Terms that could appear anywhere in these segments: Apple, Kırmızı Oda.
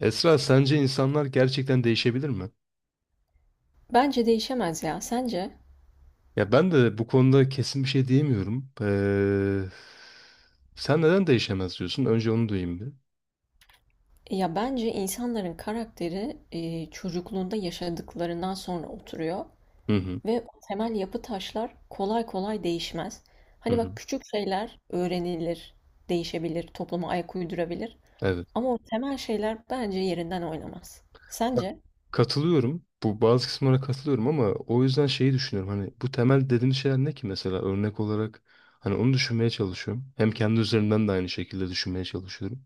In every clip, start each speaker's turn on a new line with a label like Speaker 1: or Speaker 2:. Speaker 1: Esra, sence insanlar gerçekten değişebilir mi?
Speaker 2: Bence değişemez ya. Sence?
Speaker 1: Ya ben de bu konuda kesin bir şey diyemiyorum. Sen neden değişemez diyorsun? Önce onu duyayım bir.
Speaker 2: Ya bence insanların karakteri çocukluğunda yaşadıklarından sonra oturuyor
Speaker 1: Hı hı,
Speaker 2: ve o temel yapı taşlar kolay kolay değişmez.
Speaker 1: hı
Speaker 2: Hani
Speaker 1: hı.
Speaker 2: bak küçük şeyler öğrenilir, değişebilir, topluma ayak uydurabilir
Speaker 1: Evet.
Speaker 2: ama o temel şeyler bence yerinden oynamaz.
Speaker 1: Ya,
Speaker 2: Sence?
Speaker 1: Katılıyorum. Bu bazı kısımlara katılıyorum ama o yüzden şeyi düşünüyorum. Hani bu temel dediğimiz şeyler ne ki mesela örnek olarak hani onu düşünmeye çalışıyorum. Hem kendi üzerimden de aynı şekilde düşünmeye çalışıyorum.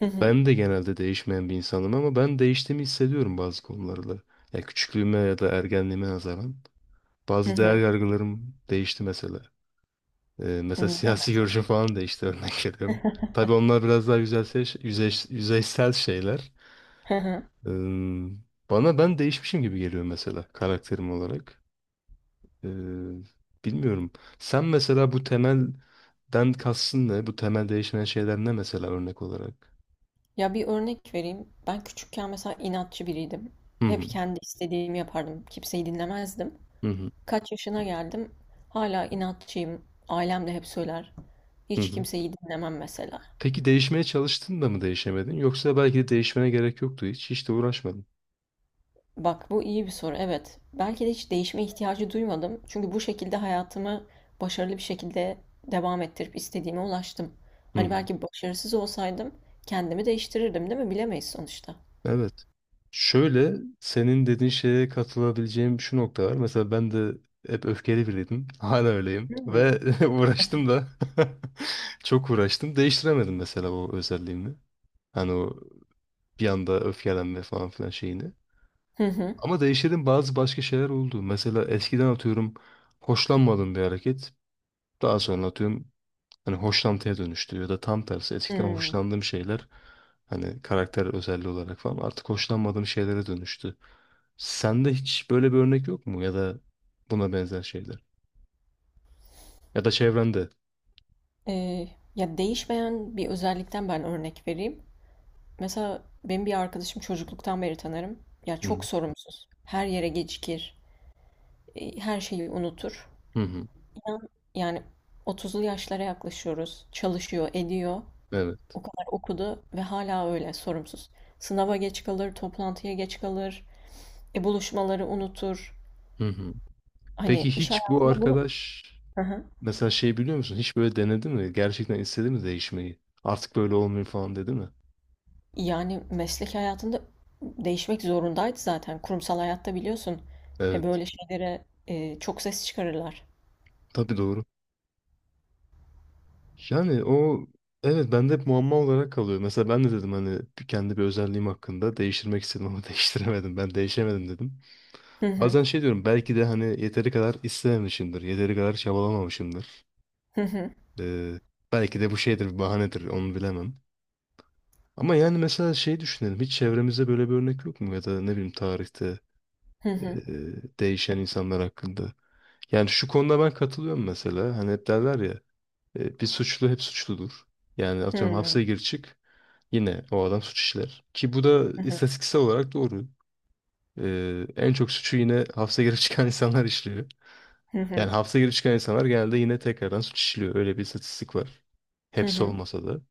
Speaker 2: Hı hı.
Speaker 1: Ben de genelde değişmeyen bir insanım ama ben değiştiğimi hissediyorum bazı konularda. Ya küçüklüğüme ya da ergenliğime nazaran.
Speaker 2: Hı
Speaker 1: Bazı değer
Speaker 2: hı.
Speaker 1: yargılarım değişti mesela.
Speaker 2: Hı,
Speaker 1: Mesela
Speaker 2: deme.
Speaker 1: siyasi görüşüm falan değişti örnek veriyorum. Tabii onlar biraz daha yüzeysel, yüzeysel şeyler.
Speaker 2: Hı hı.
Speaker 1: Ee, Bana ben değişmişim gibi geliyor mesela karakterim olarak. Ee, Bilmiyorum. Sen mesela bu temelden kastın ne? Bu temel değişmeyen şeyler ne mesela örnek olarak?
Speaker 2: Ya bir örnek vereyim. Ben küçükken mesela inatçı biriydim.
Speaker 1: Hı
Speaker 2: Hep
Speaker 1: hı,
Speaker 2: kendi istediğimi yapardım. Kimseyi dinlemezdim.
Speaker 1: hı hı,
Speaker 2: Kaç yaşına geldim hala inatçıyım. Ailem de hep söyler.
Speaker 1: hı
Speaker 2: Hiç
Speaker 1: hı.
Speaker 2: kimseyi dinlemem mesela.
Speaker 1: Peki değişmeye çalıştın da mı değişemedin? Yoksa belki de değişmene gerek yoktu hiç. Hiç de uğraşmadın.
Speaker 2: Bak bu iyi bir soru evet. Belki de hiç değişme ihtiyacı duymadım. Çünkü bu şekilde hayatımı başarılı bir şekilde devam ettirip istediğime ulaştım.
Speaker 1: Hı
Speaker 2: Hani
Speaker 1: hı.
Speaker 2: belki başarısız olsaydım kendimi değiştirirdim değil mi? Bilemeyiz sonuçta.
Speaker 1: Evet. Şöyle senin dediğin şeye katılabileceğim şu nokta var. Mesela ben de hep öfkeli biriydim. Hala öyleyim.
Speaker 2: Hı hı.
Speaker 1: Ve uğraştım da çok uğraştım. Değiştiremedim mesela o özelliğimi. Hani o bir anda öfkelenme falan filan şeyini.
Speaker 2: Hı hı.
Speaker 1: Ama değiştirdiğim bazı başka şeyler oldu. Mesela eskiden atıyorum hoşlanmadığım bir hareket. Daha sonra atıyorum hani hoşlantıya dönüştü ya da tam tersi eskiden
Speaker 2: Hı.
Speaker 1: hoşlandığım şeyler hani karakter özelliği olarak falan artık hoşlanmadığım şeylere dönüştü. Sende hiç böyle bir örnek yok mu ya da buna benzer şeyler ya da çevrende?
Speaker 2: Ee, ya değişmeyen bir özellikten ben örnek vereyim. Mesela benim bir arkadaşım çocukluktan beri tanırım. Ya
Speaker 1: Hı
Speaker 2: çok
Speaker 1: hı.
Speaker 2: sorumsuz. Her yere gecikir. Her şeyi unutur.
Speaker 1: Hı hı.
Speaker 2: İnan, yani 30'lu yaşlara yaklaşıyoruz. Çalışıyor, ediyor.
Speaker 1: Evet.
Speaker 2: O kadar okudu ve hala öyle sorumsuz. Sınava geç kalır, toplantıya geç kalır. Buluşmaları unutur.
Speaker 1: Hı hı. Peki
Speaker 2: Hani iş
Speaker 1: hiç bu
Speaker 2: hayatında bunu...
Speaker 1: arkadaş
Speaker 2: Hı hı.
Speaker 1: mesela şey biliyor musun? Hiç böyle denedi mi? Gerçekten istedi mi değişmeyi? Artık böyle olmuyor falan dedi mi?
Speaker 2: Yani meslek hayatında değişmek zorundaydı zaten. Kurumsal hayatta biliyorsun. E,
Speaker 1: Evet.
Speaker 2: böyle şeylere çok ses çıkarırlar.
Speaker 1: Tabii doğru. Yani o evet bende hep muamma olarak kalıyor. Mesela ben de dedim hani kendi bir özelliğim hakkında değiştirmek istedim ama değiştiremedim. Ben değişemedim dedim.
Speaker 2: Hı hı.
Speaker 1: Bazen şey diyorum belki de hani yeteri kadar istememişimdir. Yeteri kadar çabalamamışımdır.
Speaker 2: Hı hı.
Speaker 1: Ee, Belki de bu şeydir bir bahanedir onu bilemem. Ama yani mesela şey düşünelim hiç çevremizde böyle bir örnek yok mu? Ya da ne bileyim tarihte
Speaker 2: Hı
Speaker 1: e,
Speaker 2: hı.
Speaker 1: değişen insanlar hakkında. Yani şu konuda ben katılıyorum mesela. Hani hep derler ya bir suçlu hep suçludur. Yani atıyorum
Speaker 2: Hıı.
Speaker 1: hapse gir çık yine o adam suç işler. Ki bu da
Speaker 2: Hı hı.
Speaker 1: istatistiksel olarak doğru. E, en çok suçu yine hapse girip çıkan insanlar işliyor.
Speaker 2: Hı
Speaker 1: Yani
Speaker 2: hı.
Speaker 1: hapse girip çıkan insanlar genelde yine tekrardan suç işliyor. Öyle bir istatistik var.
Speaker 2: Hı
Speaker 1: Hepsi
Speaker 2: hı.
Speaker 1: olmasa da.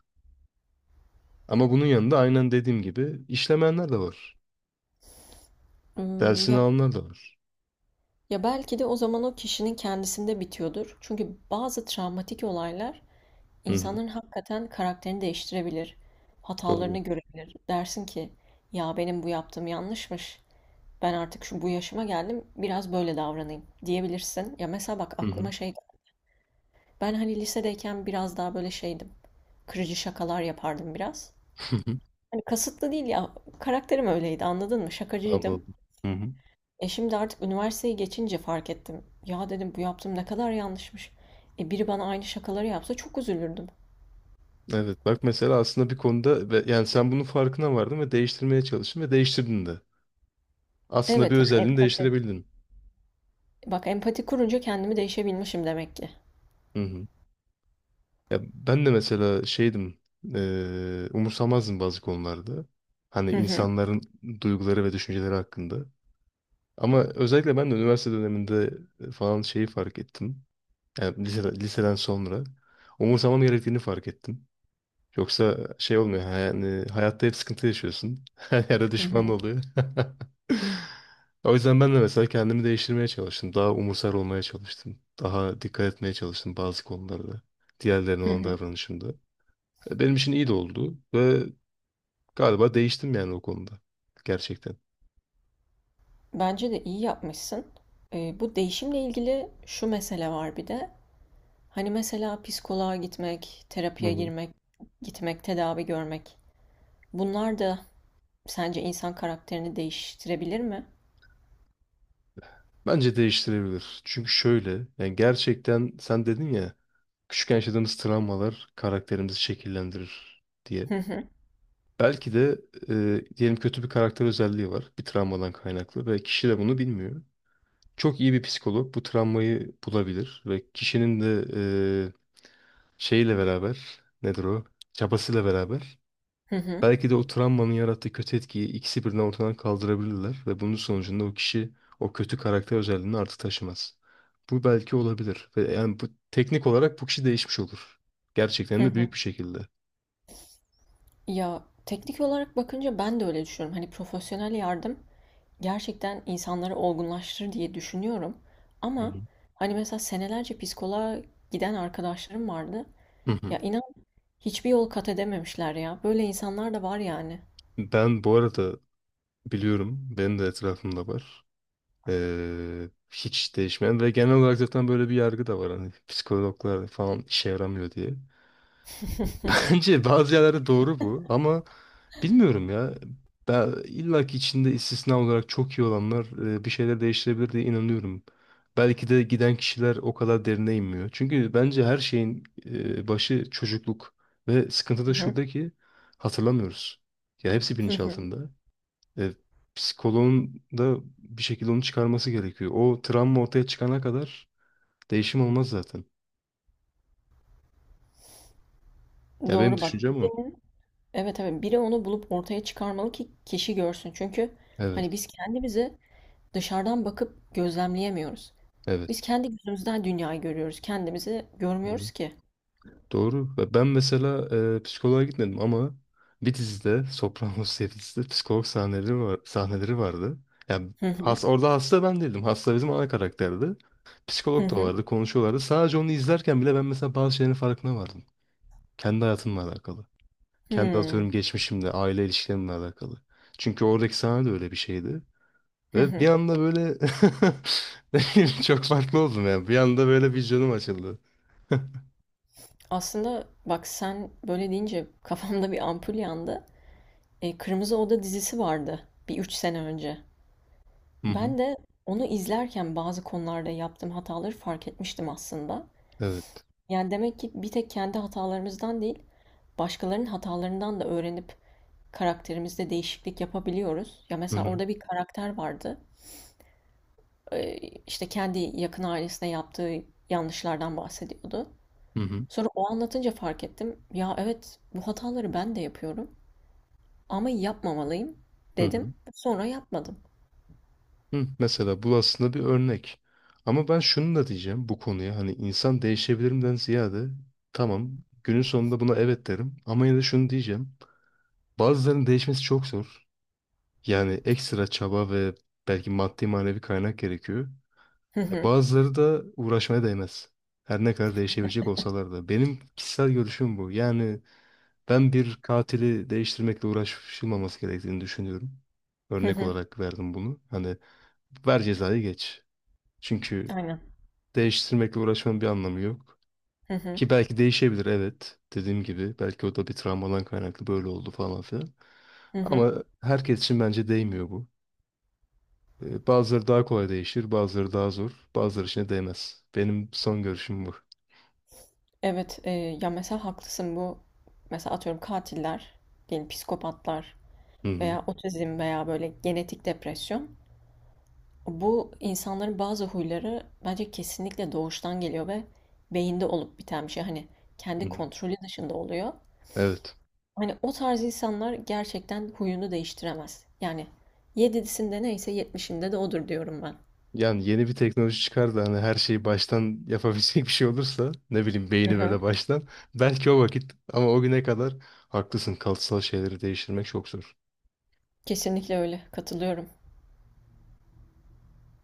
Speaker 1: Ama bunun yanında aynen dediğim gibi işlemeyenler de var.
Speaker 2: Imm,
Speaker 1: Dersini
Speaker 2: ya
Speaker 1: alanlar da var.
Speaker 2: ya, belki de o zaman o kişinin kendisinde bitiyordur. Çünkü bazı travmatik olaylar
Speaker 1: Hı hı,
Speaker 2: insanların hakikaten karakterini değiştirebilir. Hatalarını
Speaker 1: doğru.
Speaker 2: görebilir. Dersin ki, "Ya, benim bu yaptığım yanlışmış. Ben artık şu bu yaşıma geldim, biraz böyle davranayım." diyebilirsin. Ya, mesela bak
Speaker 1: Hı hı.
Speaker 2: aklıma şey ben, hani, lisedeyken biraz daha böyle şeydim, kırıcı şakalar yapardım biraz. Hani, kasıtlı değil ya, karakterim öyleydi, anladın mı? Şakacıydım.
Speaker 1: Anladım. Hı hı.
Speaker 2: Şimdi artık üniversiteyi geçince fark ettim. Ya dedim bu yaptığım ne kadar yanlışmış. Biri bana aynı şakaları yapsa çok üzülürdüm.
Speaker 1: Evet bak mesela aslında bir konuda yani sen bunun farkına vardın ve değiştirmeye çalıştın ve değiştirdin de. Aslında bir
Speaker 2: Evet yani
Speaker 1: özelliğini
Speaker 2: empati.
Speaker 1: değiştirebildin.
Speaker 2: Bak empati kurunca kendimi değişebilmişim demek ki.
Speaker 1: Hı hı. Ya ben de mesela şeydim, umursamazdım bazı konularda. Hani
Speaker 2: Hı hı.
Speaker 1: insanların duyguları ve düşünceleri hakkında. Ama özellikle ben de üniversite döneminde falan şeyi fark ettim. Yani liseden, liseden sonra umursamam gerektiğini fark ettim. Yoksa şey olmuyor. Yani hayatta hep sıkıntı yaşıyorsun. Her yerde
Speaker 2: Hı
Speaker 1: düşman
Speaker 2: hı.
Speaker 1: oluyor. O yüzden ben de mesela kendimi değiştirmeye çalıştım. Daha umursar olmaya çalıştım. Daha dikkat etmeye çalıştım bazı konularda. Diğerlerine
Speaker 2: Hı
Speaker 1: olan
Speaker 2: hı.
Speaker 1: davranışımda. E, benim için iyi de oldu. Ve galiba değiştim yani o konuda. Gerçekten.
Speaker 2: Bence de iyi yapmışsın. Bu değişimle ilgili şu mesele var bir de. Hani mesela psikoloğa gitmek,
Speaker 1: Hı
Speaker 2: terapiye
Speaker 1: hı.
Speaker 2: girmek, gitmek, tedavi görmek. Bunlar da sence insan karakterini değiştirebilir mi?
Speaker 1: Bence değiştirebilir. Çünkü şöyle. Yani gerçekten sen dedin ya. Küçükken yaşadığımız travmalar karakterimizi şekillendirir diye.
Speaker 2: Hı hı.
Speaker 1: Belki de diyelim kötü bir karakter özelliği var. Bir travmadan kaynaklı ve kişi de bunu bilmiyor. Çok iyi bir psikolog bu travmayı bulabilir ve kişinin de e, şeyiyle beraber nedir o? Çabasıyla beraber
Speaker 2: Hı hı.
Speaker 1: belki de o travmanın yarattığı kötü etkiyi ikisi birden ortadan kaldırabilirler ve bunun sonucunda o kişi o kötü karakter özelliğini artık taşımaz. Bu belki olabilir ve yani bu teknik olarak bu kişi değişmiş olur.
Speaker 2: Hı
Speaker 1: Gerçekten de
Speaker 2: hı.
Speaker 1: büyük bir şekilde.
Speaker 2: Ya teknik olarak bakınca ben de öyle düşünüyorum. Hani profesyonel yardım gerçekten insanları olgunlaştırır diye düşünüyorum.
Speaker 1: Hı
Speaker 2: Ama
Speaker 1: hı.
Speaker 2: hani mesela senelerce psikoloğa giden arkadaşlarım vardı.
Speaker 1: Hı hı.
Speaker 2: Ya inan hiçbir yol kat edememişler ya. Böyle insanlar da var yani.
Speaker 1: Ben bu arada biliyorum. Benim de etrafımda var. Hiç değişmeyen ve genel olarak zaten böyle bir yargı da var. Hani psikologlar falan işe yaramıyor diye. Bence bazı yerlerde doğru bu ama bilmiyorum ya. Ben illa ki içinde istisna olarak çok iyi olanlar bir şeyler değiştirebilir diye inanıyorum. Belki de giden kişiler o kadar derine inmiyor. Çünkü bence her şeyin başı çocukluk ve sıkıntı
Speaker 2: Hı
Speaker 1: da şurada
Speaker 2: hı.
Speaker 1: ki hatırlamıyoruz. Ya hepsi
Speaker 2: Hı hı.
Speaker 1: bilinçaltında. E, Psikoloğun da bir şekilde onu çıkarması gerekiyor. O travma ortaya çıkana kadar değişim olmaz zaten. Ya benim
Speaker 2: Doğru bak.
Speaker 1: düşüncem o.
Speaker 2: Birinin, evet evet biri onu bulup ortaya çıkarmalı ki kişi görsün. Çünkü hani
Speaker 1: Evet,
Speaker 2: biz kendimizi dışarıdan bakıp gözlemleyemiyoruz.
Speaker 1: evet.
Speaker 2: Biz kendi gözümüzden dünyayı görüyoruz. Kendimizi
Speaker 1: Hı-hı.
Speaker 2: görmüyoruz ki.
Speaker 1: Doğru. Ve ben mesela psikoloğa gitmedim ama bir dizide, Sopranos diye bir dizide psikolog sahneleri var, sahneleri vardı. Yani
Speaker 2: Hı hı.
Speaker 1: orada hasta ben değildim. Hasta bizim ana karakterdi.
Speaker 2: Hı
Speaker 1: Psikolog da
Speaker 2: hı.
Speaker 1: vardı, konuşuyorlardı. Sadece onu izlerken bile ben mesela bazı şeylerin farkına vardım. Kendi hayatımla alakalı. Kendi
Speaker 2: Hımm.
Speaker 1: atıyorum geçmişimle, aile ilişkilerimle alakalı. Çünkü oradaki sahne de öyle bir şeydi.
Speaker 2: Hı
Speaker 1: Ve
Speaker 2: hı.
Speaker 1: bir anda böyle ne bileyim, çok farklı oldum ya. Bir anda böyle bir canım açıldı.
Speaker 2: Aslında bak sen böyle deyince kafamda bir ampul yandı. Kırmızı Oda dizisi vardı bir 3 sene önce.
Speaker 1: Hı hı.
Speaker 2: Ben de onu izlerken bazı konularda yaptığım hataları fark etmiştim aslında.
Speaker 1: Evet.
Speaker 2: Yani demek ki bir tek kendi hatalarımızdan değil, başkalarının hatalarından da öğrenip karakterimizde değişiklik yapabiliyoruz. Ya
Speaker 1: Hı
Speaker 2: mesela
Speaker 1: hı.
Speaker 2: orada bir karakter vardı. Eee, işte kendi yakın ailesine yaptığı yanlışlardan bahsediyordu.
Speaker 1: Hı hı.
Speaker 2: Sonra o anlatınca fark ettim. Ya evet bu hataları ben de yapıyorum ama yapmamalıyım
Speaker 1: Hı hı.
Speaker 2: dedim. Sonra yapmadım.
Speaker 1: Hı. Mesela bu aslında bir örnek. Ama ben şunu da diyeceğim bu konuya. Hani insan değişebilirimden ziyade tamam günün sonunda buna evet derim. Ama yine de şunu diyeceğim. Bazılarının değişmesi çok zor. Yani ekstra çaba ve belki maddi manevi kaynak gerekiyor.
Speaker 2: Hı
Speaker 1: E,
Speaker 2: hı.
Speaker 1: bazıları da uğraşmaya değmez. Her ne kadar değişebilecek olsalar da. Benim kişisel görüşüm bu. Yani ben bir katili değiştirmekle uğraşılmaması gerektiğini düşünüyorum.
Speaker 2: Hı
Speaker 1: Örnek
Speaker 2: hı.
Speaker 1: olarak verdim bunu. Hani ver cezayı geç. Çünkü
Speaker 2: Aynen.
Speaker 1: değiştirmekle uğraşmanın bir anlamı yok.
Speaker 2: Hı hı.
Speaker 1: Ki belki değişebilir evet. Dediğim gibi belki o da bir travmadan kaynaklı böyle oldu falan filan.
Speaker 2: Hı hı.
Speaker 1: Ama herkes için bence değmiyor bu. E, bazıları daha kolay değişir, bazıları daha zor, bazıları için de değmez. Benim son görüşüm bu.
Speaker 2: Evet, ya mesela haklısın bu mesela atıyorum katiller, yani psikopatlar
Speaker 1: Hı hı,
Speaker 2: veya otizm veya böyle genetik depresyon. Bu insanların bazı huyları bence kesinlikle doğuştan geliyor ve beyinde olup biten bir şey. Hani
Speaker 1: hı
Speaker 2: kendi
Speaker 1: hı.
Speaker 2: kontrolü dışında oluyor.
Speaker 1: Evet.
Speaker 2: Hani o tarz insanlar gerçekten huyunu değiştiremez. Yani 7'sinde neyse 70'inde de odur diyorum ben.
Speaker 1: Yani yeni bir teknoloji çıkar da hani her şeyi baştan yapabilecek bir şey olursa ne bileyim
Speaker 2: Hı
Speaker 1: beyni
Speaker 2: hı.
Speaker 1: böyle baştan belki o vakit ama o güne kadar haklısın kalıtsal şeyleri değiştirmek çok zor.
Speaker 2: Kesinlikle öyle. Katılıyorum.